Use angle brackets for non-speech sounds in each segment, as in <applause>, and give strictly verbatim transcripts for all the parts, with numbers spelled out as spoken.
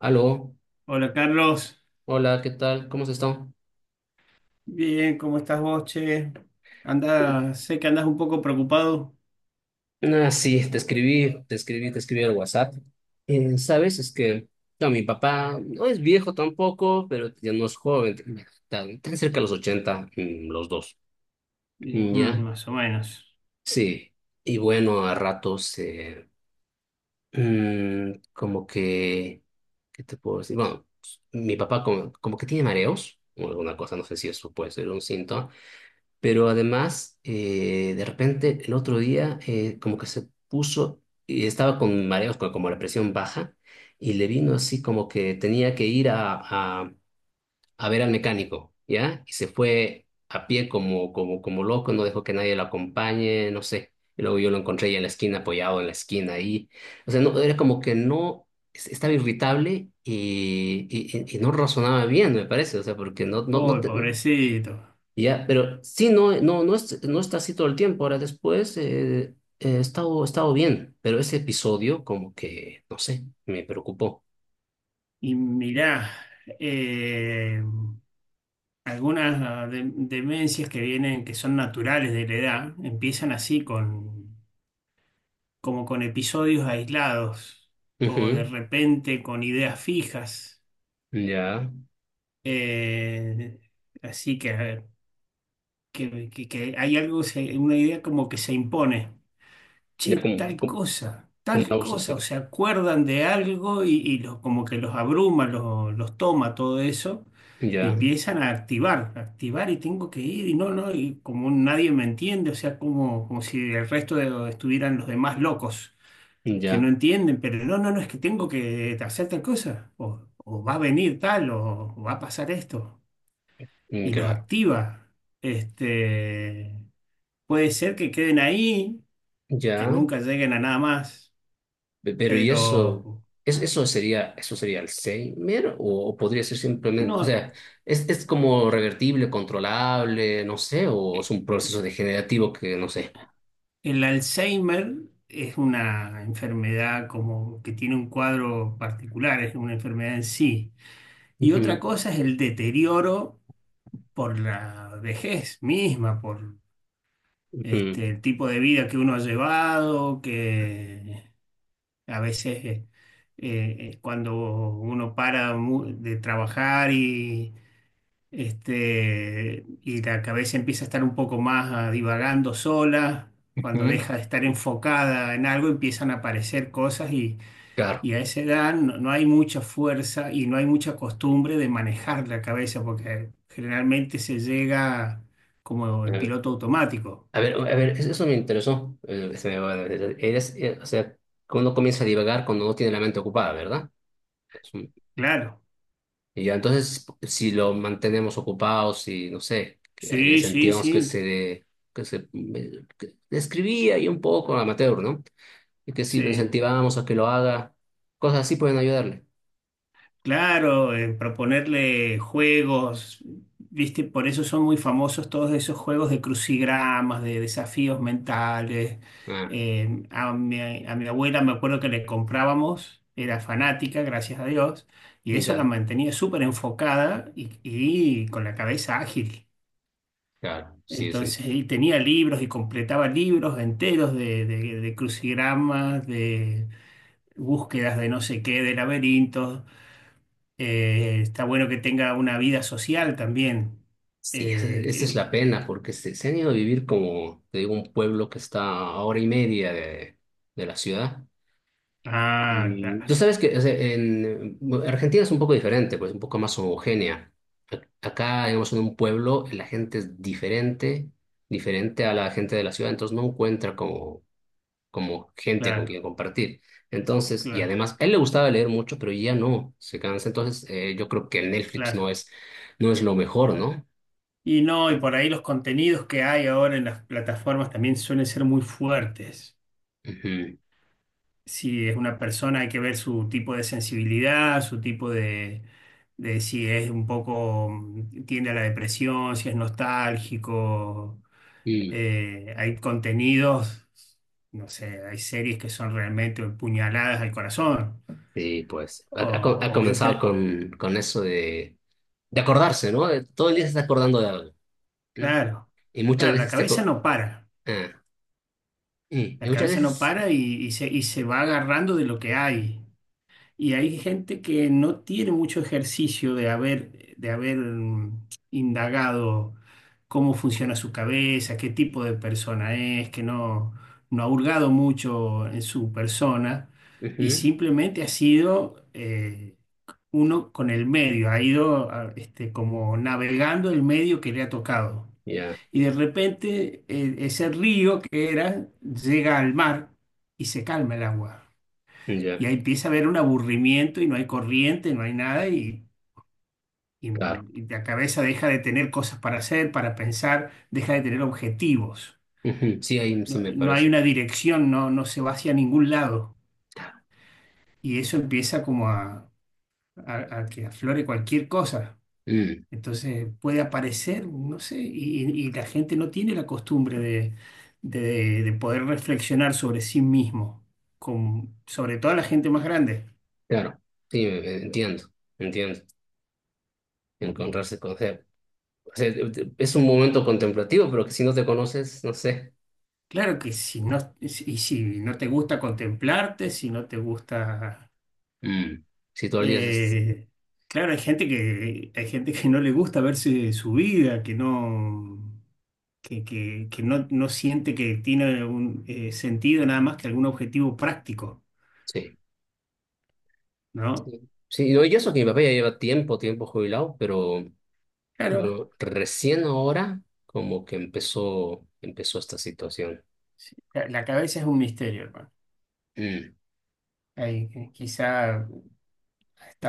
Aló, Hola Carlos, hola, ¿qué tal? ¿Cómo has estado? bien, ¿cómo estás vos, che? Anda, sé que andas un poco preocupado. Ah, sí, te escribí, te escribí, te escribí al WhatsApp. Eh, ¿sabes? Es que no, mi papá no es viejo tampoco, pero ya no es joven, tan, tan cerca de los ochenta, mm, los dos. Y, Mm, mm, ¿ya? más o menos. Sí. Y bueno, a ratos, eh, mm, como que, ¿qué te puedo decir? Bueno, mi papá como, como que tiene mareos o alguna cosa, no sé si eso puede ser un síntoma. Pero además, eh, de repente, el otro día, eh, como que se puso, y estaba con mareos, co- como la presión baja, y le vino así como que tenía que ir a, a, a ver al mecánico, ¿ya? Y se fue a pie como, como, como loco, no dejó que nadie lo acompañe, no sé. Y luego yo lo encontré ahí en la esquina, apoyado en la esquina ahí. O sea, no, era como que no, es- estaba irritable y, y, y- y no razonaba bien, me parece, o sea, porque no, no, no, Uy, te- pobrecito. ya, pero sí, no, no, no, es- no está así todo el tiempo. Ahora después, eh, he estado, he estado bien, pero ese episodio como que, no sé, me preocupó. Y mirá, eh, algunas ah, de- demencias que vienen, que son naturales de la edad, empiezan así con, como con episodios aislados o Ujú. de repente con ideas fijas. Ya, Eh, así que, que, que- que hay algo, se- una idea como que se impone. Che, ya como, tal como, cosa, como una tal cosa, o obsesión. se acuerdan de algo y, y los- como que los abruma, los, los toma todo eso y Ya, empiezan a activar, a activar y tengo que ir y no, no, y como nadie me entiende, o sea, como, como si el resto de, estuvieran los demás locos que ya, no entienden, pero no, no, no, es que tengo que hacer tal cosa, o, o va a venir tal, o, o va a pasar esto, mm, y los claro. activa. Este, puede ser que queden ahí, que Ya, nunca lleguen a nada más, pe- pero ¿y eso? pero ¿Es, eso sería, eso sería Alzheimer o, o podría ser simplemente? O no. sea, es, es como revertible, controlable, no sé, o es eh, un proceso degenerativo, que no sé. el Alzheimer es una enfermedad como que tiene un cuadro particular, es una enfermedad en sí. Y otra Ujú, cosa es el deterioro por la vejez misma, por ujú, este, el tipo de vida que uno ha llevado, que a veces, eh, eh, cuando uno para mu- de trabajar y este, y la cabeza empieza a estar un poco más ah, divagando sola, cuando ujú. deja de estar enfocada en algo, empiezan a aparecer cosas y, Claro. y a esa edad no, no hay mucha fuerza y no hay mucha costumbre de manejar la cabeza, porque generalmente se llega como en Eh, piloto automático. A ver, a ver, eso eso me interesó. Eh, se me va- Eres, eh, o sea, uno comienza a divagar cuando no tiene la mente ocupada, ¿verdad? Es un... Claro, Y ya, entonces, si lo mantenemos ocupado, si, no sé, que le sí, sí, incentivamos que sí, se, que se, que escribía ahí un poco amateur, ¿no? Y que si lo sí. incentivamos a que lo haga, cosas así pueden ayudarle. Claro, eh, proponerle juegos, ¿viste? Por eso son muy famosos todos esos juegos de crucigramas, de desafíos mentales. Ah, Eh, a mi, a mi abuela me acuerdo que le comprábamos, era fanática, gracias a Dios, y eso la ya, mantenía súper enfocada y, y con la cabeza ágil. claro, sí, sí. Entonces, y tenía libros y completaba libros enteros de, de de crucigramas, de búsquedas de no sé qué, de laberintos. Eh, está bueno que tenga una vida social también. Sí, esa Eh, esa es que- la pena, porque se, se han ido a vivir, como te digo, un pueblo que está a hora y media de, de la ciudad. ah, Y claro, tú sabes que, o sea, en bueno, Argentina es un poco diferente, pues un poco más homogénea. A... acá, digamos, en un pueblo la gente es diferente, diferente a la gente de la ciudad, entonces no encuentra como, como gente con claro, quien compartir. Entonces, y claro, además, a él le gustaba leer mucho, pero ya no, se cansa. Entonces, eh, yo creo que el Netflix no claro. es, no es lo mejor, ¿no? Y no, y por ahí los contenidos que hay ahora en las plataformas también suelen ser muy fuertes. Ujú. Si es una persona, hay que ver su tipo de sensibilidad, su tipo de, de si es un poco, mm, tiende a la depresión, si es nostálgico. Eh, hay contenidos, no sé, hay series que son realmente puñaladas al corazón. Sí, pues ha, O, ha co- ha o comenzado impre- o- con, con eso de, de acordarse, ¿no? Eh, Todo el día se está acordando de algo. ¿M? claro, Y muchas claro, la veces te... cabeza aco- no para, ah, y, y la muchas cabeza no veces... para y, y se, y se va agarrando de lo que hay. Y hay gente que no tiene mucho ejercicio de haber, de haber, mm, indagado cómo funciona su cabeza, qué tipo de persona es, que no, no ha hurgado mucho en su persona y Ujú. simplemente ha sido, eh, uno con el medio, ha ido ah, este, como navegando el medio que le ha tocado. Ya, Y de repente, eh, ese río que era llega al mar y se calma el agua. Y ya, ahí empieza a haber un aburrimiento y no hay corriente, no hay nada y, y- claro. y la cabeza deja de tener cosas para hacer, para pensar, deja de tener objetivos. Ujú. Sí, ahí sí No, me no hay parece. una dirección, no, no se va hacia ningún lado. Y eso empieza como a, a, a que aflore cualquier cosa. Mm, Entonces puede aparecer, no sé, y, y la gente no tiene la costumbre de, de- de poder reflexionar sobre sí mismo, con, sobre todo la gente más grande. claro. Sí, eh, eh, entiendo, entiendo. Encontrarse con... O sea, o sea, eh, eh, es un momento contemplativo, pero que si no te conoces, no sé. Claro que si no, y si no te gusta contemplarte, si no te gusta... Mm, si todo el día... es- eh, claro, hay gente que, hay gente que no le gusta verse su vida, que no, que, que- que no, no siente que tiene un eh, sentido nada más que algún objetivo práctico, sí, ¿no? sí. Sí, no, y eso que mi papá ya lleva tiempo, tiempo jubilado, pero... Claro. Bueno, recién ahora como que empezó, empezó esta situación. Sí, la la cabeza es un misterio, hermano. Mm. Ahí, eh, quizá ha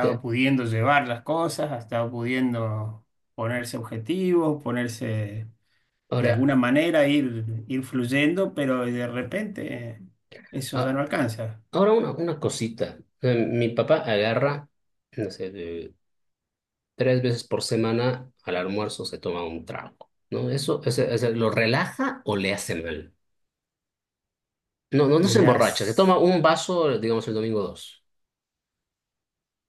Que... pudiendo llevar las cosas, ha estado pudiendo ponerse objetivos, ponerse de ahora, alguna manera, ir, ir fluyendo, pero de repente, eh, eso ya no ah, alcanza. ahora una, una cosita. O sea, mi papá agarra, no sé, de- tres veces por semana, al almuerzo, se toma un trago, ¿no? ¿Eso, ese- ese lo relaja o le hace mal? No, no, no se emborracha, se Mirás, toma un vaso, digamos, el domingo dos.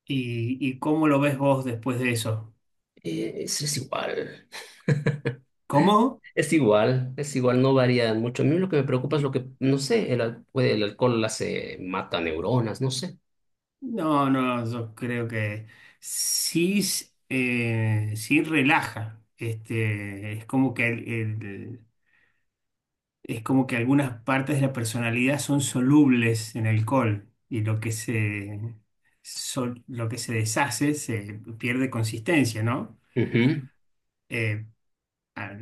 ¿y, y cómo lo ves vos después de eso? Eh, Es, es igual. ¿Cómo? Es igual, es igual, no varía mucho. A mí lo que me preocupa es lo que, no sé, el, al- puede- el alcohol, hace, mata neuronas, no sé. No, no, yo creo que sí, s- eh, sí relaja. Este, es como que el, el- es como que algunas partes de la personalidad son solubles en alcohol y lo que se, sol- lo que se deshace se pierde consistencia, ¿no? Ujú. Eh, ah,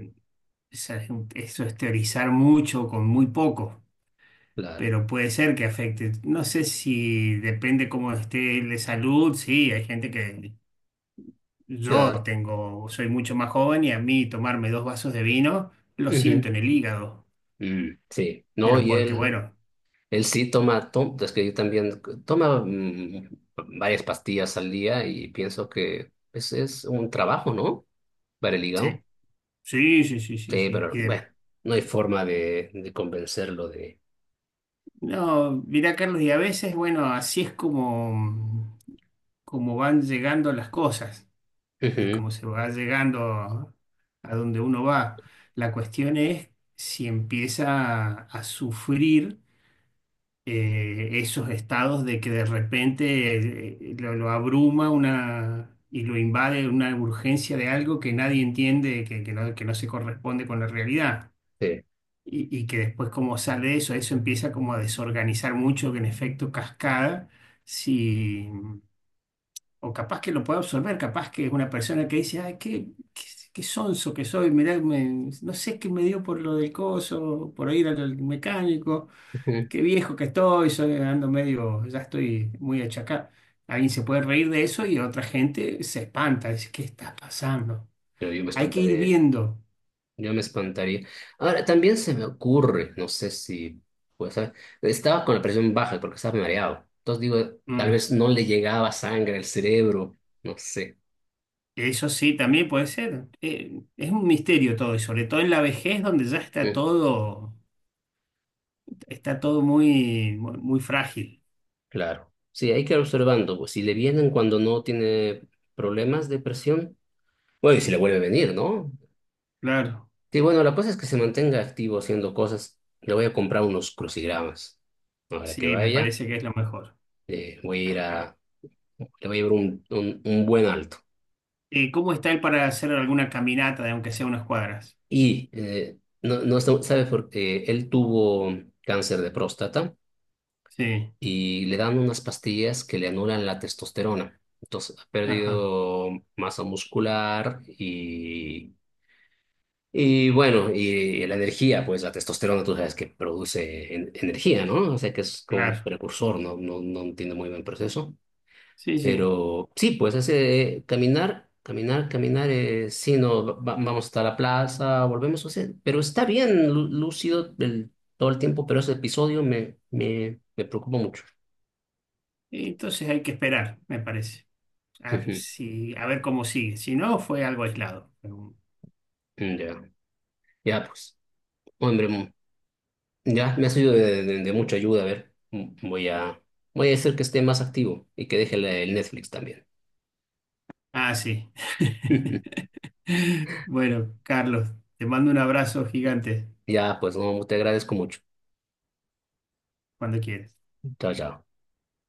esa es un- eso es teorizar mucho con muy poco, Claro, pero puede ser que afecte. No sé, si depende cómo esté de salud, sí, hay gente que claro. yo tengo, soy mucho más joven y a mí tomarme dos vasos de vino lo siento Ujú, en el hígado, mm, sí, no, pero y porque él, bueno. él sí toma, to- es que yo también... toma, mm, varias pastillas al día, y pienso que ese es un trabajo, ¿no? Para el hígado. Sí. Sí, sí, sí, sí, Sí, sí. pero bueno, no hay forma de, de convencerlo de... No, mirá, Carlos, y a veces, bueno, así es como, como van llegando las cosas y Ujú, como se va llegando a, a donde uno va. La cuestión es si empieza a, a sufrir, eh, esos estados de que de repente, eh, lo, lo abruma una y lo invade una urgencia de algo que nadie entiende, que, que no, que no se corresponde con la realidad sí, y, y que después como sale eso, eso empieza como a desorganizar mucho, que en efecto cascada, si, o capaz que lo pueda absorber, capaz que es una persona que dice, ay, qué, qué, qué sonso que soy, mirá, me- no sé qué me dio por lo del coso, por ir al al mecánico, ujú. qué viejo que estoy, soy, ando medio, ya estoy muy achacado. Alguien se puede reír de eso y otra gente se espanta, dice, ¿qué está pasando? Pero yo me Hay que ir espantaría. viendo. Yo me espantaría. Ahora, también se me ocurre, no sé si, pues, ah, estaba con la presión baja porque estaba mareado. Entonces digo, tal Mm. vez no le llegaba sangre al cerebro, no sé. Eso sí, también puede ser. Eh, es un misterio todo, y sobre todo en la vejez, donde ya está Mm, todo, está todo muy, muy, muy frágil. claro. Sí, hay que ir observando, pues, si le vienen cuando no tiene problemas de presión, bueno, y si le vuelve a venir, ¿no? Claro, Sí, bueno, la cosa es que se mantenga activo haciendo cosas. Le voy a comprar unos crucigramas. Ahora que sí, me vaya, parece que es lo mejor. eh, voy a ir a, le voy a llevar un, un, un buen alto. Eh, ¿cómo está él para hacer alguna caminata de aunque sea unas cuadras? Y eh, no, no sa- sabe por qué él tuvo cáncer de próstata, Sí, y le dan unas pastillas que le anulan la testosterona. Entonces ha ajá, perdido masa muscular y, y bueno, y la energía, pues la testosterona tú sabes que produce en- energía, ¿no? O sea que es como un claro. precursor, no, no, no tiene muy buen proceso. Sí, sí. Pero sí, pues hace, eh, caminar, caminar, caminar, eh, sí, no, va- vamos hasta la plaza, volvemos a hacer, pero está bien lú- lúcido el- todo el tiempo, pero ese episodio me, me, me preocupa mucho. Entonces hay que esperar, me parece. A ver, Ujú. si, a ver cómo sigue. Si no, fue algo aislado. <laughs> Ya, ya, pues, hombre, mm, ya me ha sido de, de- de mucha ayuda. A ver, mm, voy a, voy a hacer que esté más activo y que deje el el Netflix también. Ah, sí. <laughs> <laughs> Bueno, Carlos, te mando un abrazo gigante Ya, pues, no, te agradezco mucho. cuando quieras. Chao, chao.